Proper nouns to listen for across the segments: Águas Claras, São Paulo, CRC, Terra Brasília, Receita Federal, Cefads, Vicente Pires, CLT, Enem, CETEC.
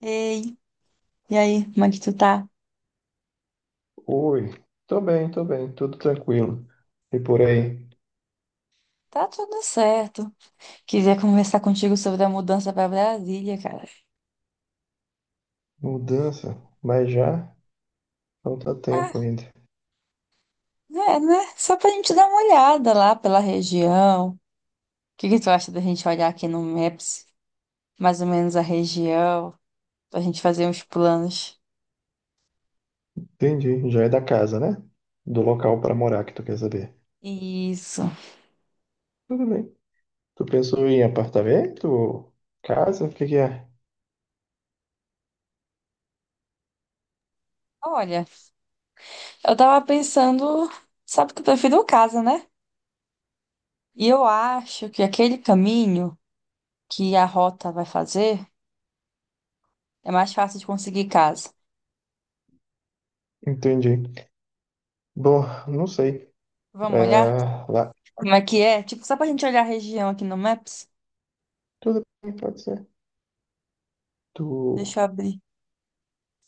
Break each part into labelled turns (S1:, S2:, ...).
S1: Ei, e aí, como é que tu tá?
S2: Oi, tô bem, tudo tranquilo. E por aí?
S1: Tá tudo certo. Queria conversar contigo sobre a mudança pra Brasília, cara.
S2: Mudança, mas já falta tempo
S1: Ah,
S2: ainda.
S1: é, né? Só pra gente dar uma olhada lá pela região. O que que tu acha da gente olhar aqui no Maps, mais ou menos a região, pra gente fazer uns planos?
S2: Entendi, já é da casa, né? Do local pra morar que tu quer saber.
S1: Isso.
S2: Tudo bem. Tu pensou em apartamento, ou casa, o que que é?
S1: Olha, eu tava pensando, sabe que eu prefiro casa, né? E eu acho que aquele caminho que a rota vai fazer é mais fácil de conseguir casa.
S2: Entendi. Bom, não sei.
S1: Vamos olhar?
S2: É, lá,
S1: Como é que é? Tipo, só pra gente olhar a região aqui no Maps?
S2: tudo bem, pode ser. Tu,
S1: Deixa eu abrir.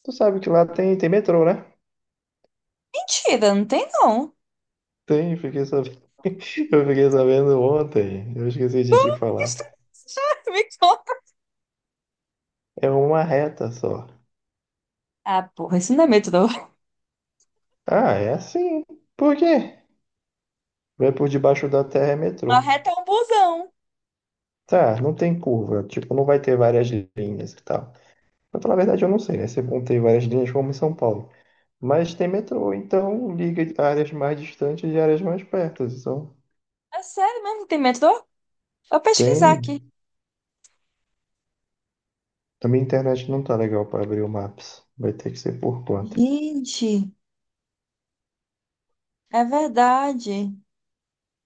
S2: tu sabe que lá tem metrô, né?
S1: Mentira, não tem não.
S2: Tem, fiquei sabendo. Eu fiquei sabendo ontem, eu esqueci de te
S1: Que
S2: falar.
S1: estranho. Me conta.
S2: É uma reta só.
S1: Ah, porra, isso não é metrô.
S2: Ah, é assim. Por quê? Vai por debaixo da terra é
S1: Uma
S2: metrô.
S1: reta é um busão.
S2: Tá, não tem curva. Tipo, não vai ter várias linhas e tal. Pra falar a verdade, eu não sei, né? Se vão ter várias linhas como em São Paulo. Mas tem metrô, então liga áreas mais distantes e áreas mais perto. Então,
S1: É sério mesmo, não tem metrô? Vou pesquisar aqui.
S2: tem. A minha internet não tá legal para abrir o Maps. Vai ter que ser por conta.
S1: Gente, é verdade.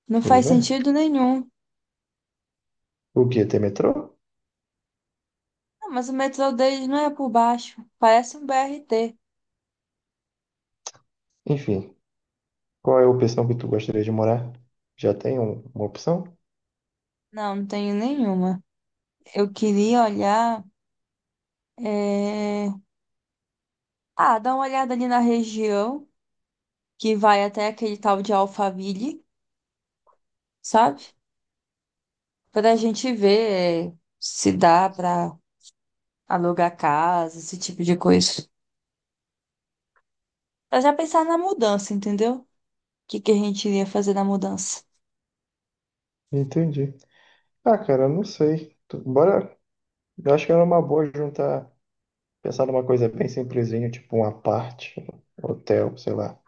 S1: Não faz
S2: Pois é.
S1: sentido nenhum.
S2: O quê? Tem metrô?
S1: Não, mas o metrô deles não é por baixo. Parece um BRT.
S2: Enfim, qual é a opção que tu gostaria de morar? Já tem uma opção?
S1: Não, não tenho nenhuma. Eu queria olhar. é, Ah, dá uma olhada ali na região que vai até aquele tal de Alphaville, sabe? Para a gente ver se dá para alugar casa, esse tipo de coisa. Para já pensar na mudança, entendeu? O que que a gente iria fazer na mudança?
S2: Entendi. Ah, cara, eu não sei. Tu- Bora. Eu acho que era uma boa juntar, pensar numa coisa bem simplesinha, tipo um aparte, hotel, sei lá,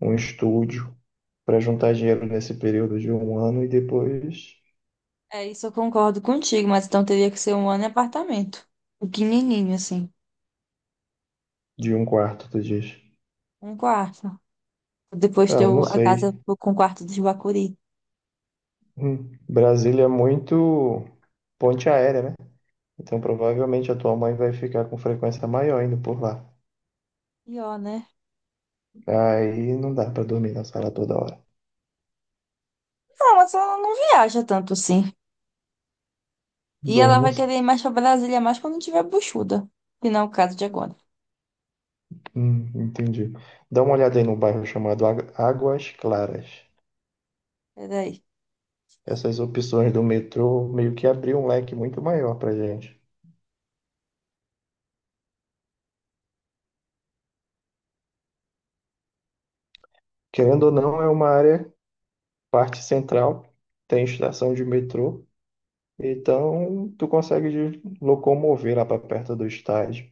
S2: um estúdio, para juntar dinheiro nesse período de um ano e depois
S1: É, isso eu concordo contigo, mas então teria que ser um ano em apartamento. Pequenininho, assim.
S2: de um quarto, tu diz.
S1: Um quarto. Depois
S2: Ah,
S1: ter
S2: eu não
S1: a
S2: sei.
S1: casa com o quarto dos Bacuri.
S2: Brasília é muito ponte aérea, né? Então provavelmente a tua mãe vai ficar com frequência maior indo por lá.
S1: E né?
S2: Aí não dá para dormir na sala toda hora.
S1: Não, mas ela não viaja tanto assim. E
S2: Bom,
S1: ela
S2: não
S1: vai
S2: sei.
S1: querer ir mais pra Brasília mais quando tiver buchuda. Que não é o caso de agora.
S2: Entendi. Dá uma olhada aí no bairro chamado Águas Claras.
S1: Peraí.
S2: Essas opções do metrô meio que abriu um leque muito maior para gente. Querendo ou não, é uma área, parte central, tem estação de metrô, então tu consegue locomover lá para perto do estádio,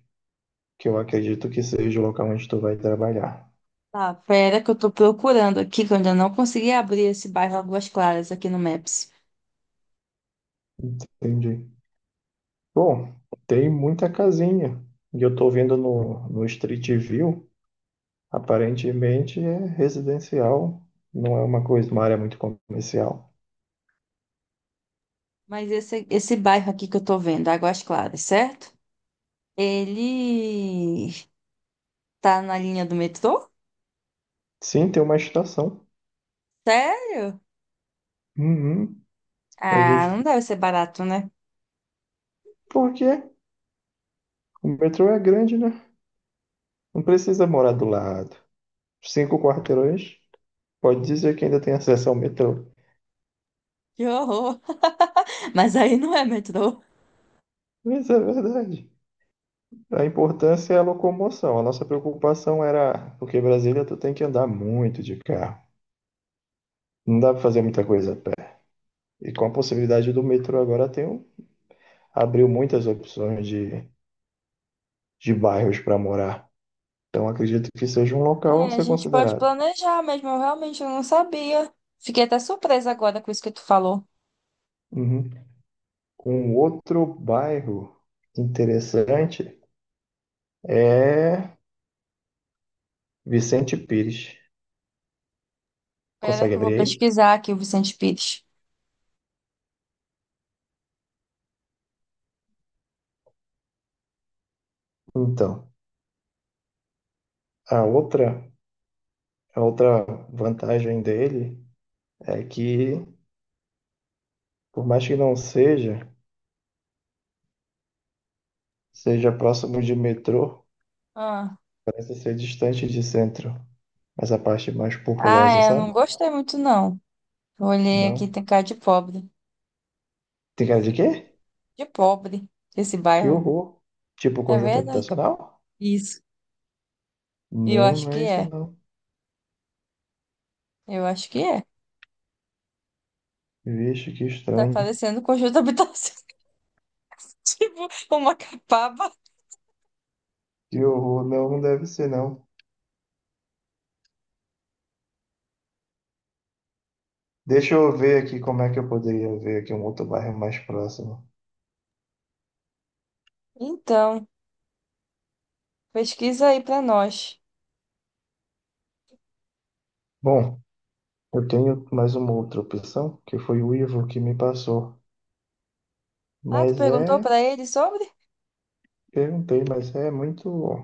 S2: que eu acredito que seja o local onde tu vai trabalhar.
S1: Tá, pera que eu tô procurando aqui, que eu ainda não consegui abrir esse bairro Águas Claras aqui no Maps.
S2: Entendi. Bom, tem muita casinha, e eu tô vendo no Street View, aparentemente é residencial, não é uma coisa, uma área muito comercial.
S1: Mas esse bairro aqui que eu tô vendo, Águas Claras, certo? Ele tá na linha do metrô?
S2: Sim, tem uma estação.
S1: Sério?
S2: Uhum. A
S1: Ah, não
S2: gente
S1: deve ser barato, né?
S2: porque o metrô é grande, né? Não precisa morar do lado. Cinco quarteirões, pode dizer que ainda tem acesso ao metrô.
S1: Que horror! Mas aí não é metrô.
S2: Mas é verdade. A importância é a locomoção. A nossa preocupação era, porque Brasília tu tem que andar muito de carro. Não dá para fazer muita coisa a pé. E com a possibilidade do metrô agora tem abriu muitas opções de bairros para morar. Então acredito que seja um local a
S1: É, a
S2: ser
S1: gente pode
S2: considerado.
S1: planejar mesmo, eu realmente não sabia. Fiquei até surpresa agora com isso que tu falou.
S2: Uhum. Um outro bairro interessante é Vicente Pires.
S1: Pera
S2: Consegue
S1: que eu vou
S2: abrir aí?
S1: pesquisar aqui o Vicente Pires.
S2: Então, a outra, a outra vantagem dele é que, por mais que não seja, seja próximo de metrô,
S1: Ah,
S2: parece ser distante de centro. Mas a parte mais
S1: ah,
S2: populosa,
S1: é, eu não
S2: sabe?
S1: gostei muito não. Olhei aqui,
S2: Não.
S1: tem cara de pobre.
S2: Tem cara de quê?
S1: De pobre, esse
S2: Que
S1: bairro.
S2: horror. Tipo
S1: É
S2: conjunto
S1: verdade?
S2: habitacional?
S1: Isso. E eu
S2: Não,
S1: acho
S2: não
S1: que
S2: é isso
S1: é.
S2: não.
S1: Eu acho que é.
S2: Vixe, que
S1: Tá
S2: estranho.
S1: parecendo um conjunto habitacional, tipo uma capaba.
S2: Que horror. Não, não deve ser não. Deixa eu ver aqui como é que eu poderia ver aqui um outro bairro mais próximo.
S1: Então, pesquisa aí pra nós.
S2: Bom, eu tenho mais uma outra opção, que foi o Ivo que me passou.
S1: Ah, tu
S2: Mas
S1: perguntou
S2: é,
S1: pra ele sobre?
S2: perguntei, mas é muito,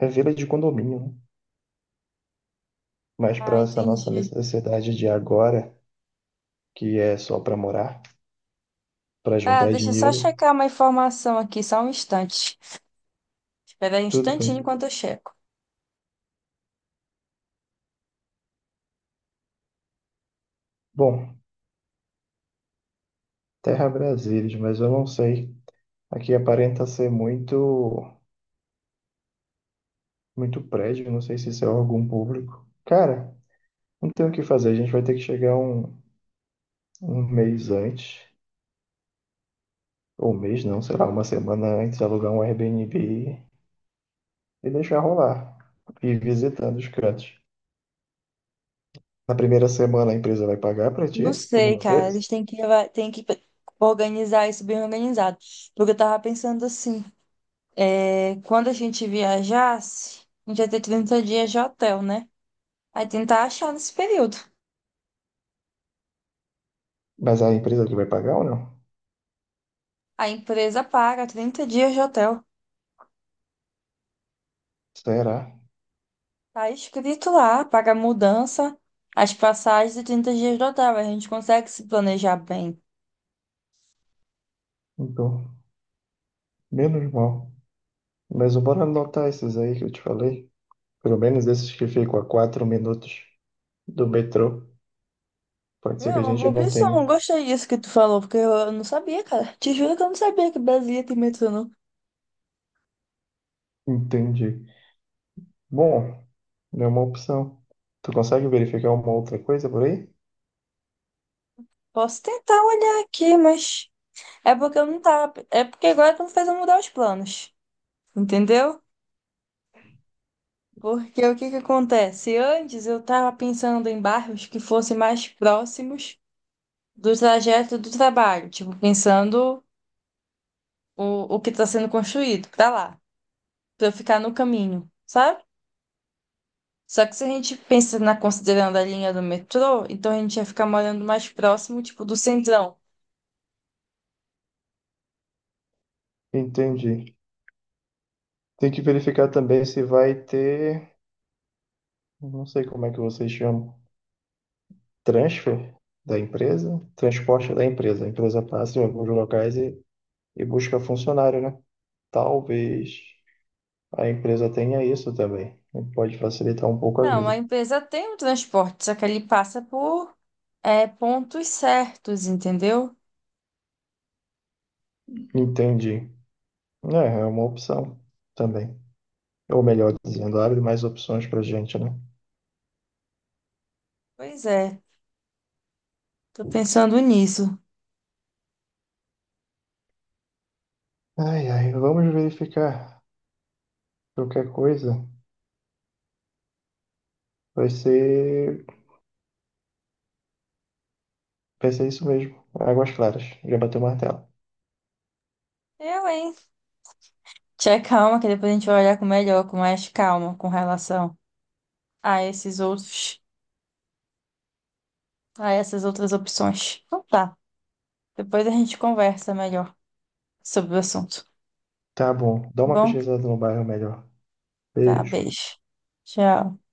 S2: é vila de condomínio, né? Mas
S1: Ah,
S2: para essa nossa
S1: entendi.
S2: necessidade de agora, que é só para morar, para
S1: Ah,
S2: juntar
S1: deixa eu só
S2: dinheiro,
S1: checar uma informação aqui, só um instante. Espera aí um
S2: tudo
S1: instantinho
S2: bem.
S1: enquanto eu checo.
S2: Bom, Terra Brasília, mas eu não sei. Aqui aparenta ser muito, muito prédio, não sei se isso é órgão público. Cara, não tem o que fazer, a gente vai ter que chegar um mês antes ou um mês não, sei lá, uma semana antes, alugar um Airbnb e deixar rolar. Ir visitando os cantos. Na primeira semana a empresa vai pagar pra ti
S1: Não sei,
S2: alguma
S1: cara.
S2: coisa?
S1: Eles têm que organizar isso bem organizado. Porque eu tava pensando assim. É, quando a gente viajasse, a gente ia ter 30 dias de hotel, né? Aí tentar achar nesse período.
S2: Mas é a empresa que vai pagar ou não?
S1: A empresa paga 30 dias de hotel.
S2: Será?
S1: Tá escrito lá, paga a mudança, as passagens e 30 dias de hotel. A gente consegue se planejar bem.
S2: Então, menos mal. Mas bora anotar esses aí que eu te falei. Pelo menos esses que ficam a 4 minutos do metrô. Pode ser
S1: É
S2: que a
S1: uma
S2: gente
S1: boa
S2: não
S1: opção,
S2: tenha.
S1: gostei disso que tu falou, porque eu não sabia, cara. Te juro que eu não sabia que Brasília tem metrô, não.
S2: Entendi. Bom, é uma opção. Tu consegue verificar uma outra coisa por aí?
S1: Posso tentar olhar aqui, mas é porque eu não tava. É porque agora tu não fez eu mudar os planos. Entendeu? Porque o que que acontece? Antes eu estava pensando em bairros que fossem mais próximos do trajeto do trabalho, tipo, pensando o que está sendo construído para lá, para eu ficar no caminho, sabe? Só que se a gente pensa na considerando a linha do metrô, então a gente ia ficar morando mais próximo, tipo, do centrão.
S2: Entendi. Tem que verificar também se vai ter, não sei como é que vocês chamam, transfer da empresa, transporte da empresa. A empresa passa em alguns locais e busca funcionário, né? Talvez a empresa tenha isso também. Pode facilitar um pouco a
S1: Não,
S2: vida.
S1: a empresa tem o transporte, só que ele passa por pontos certos, entendeu?
S2: Entendi. É uma opção também. Ou melhor dizendo, abre mais opções pra gente, né?
S1: Pois é, tô pensando nisso.
S2: Ai, ai, vamos verificar. Qualquer coisa vai ser, vai ser isso mesmo. Águas Claras. Já bateu o martelo.
S1: Eu, hein? Tchau, calma, que depois a gente vai olhar com melhor, com mais calma, com relação a esses outros, a essas outras opções. Então tá. Depois a gente conversa melhor sobre o assunto. Tá.
S2: Tá bom. Dá uma
S1: Bom,
S2: pesquisada no bairro melhor.
S1: tá,
S2: Beijo.
S1: beijo. Tchau.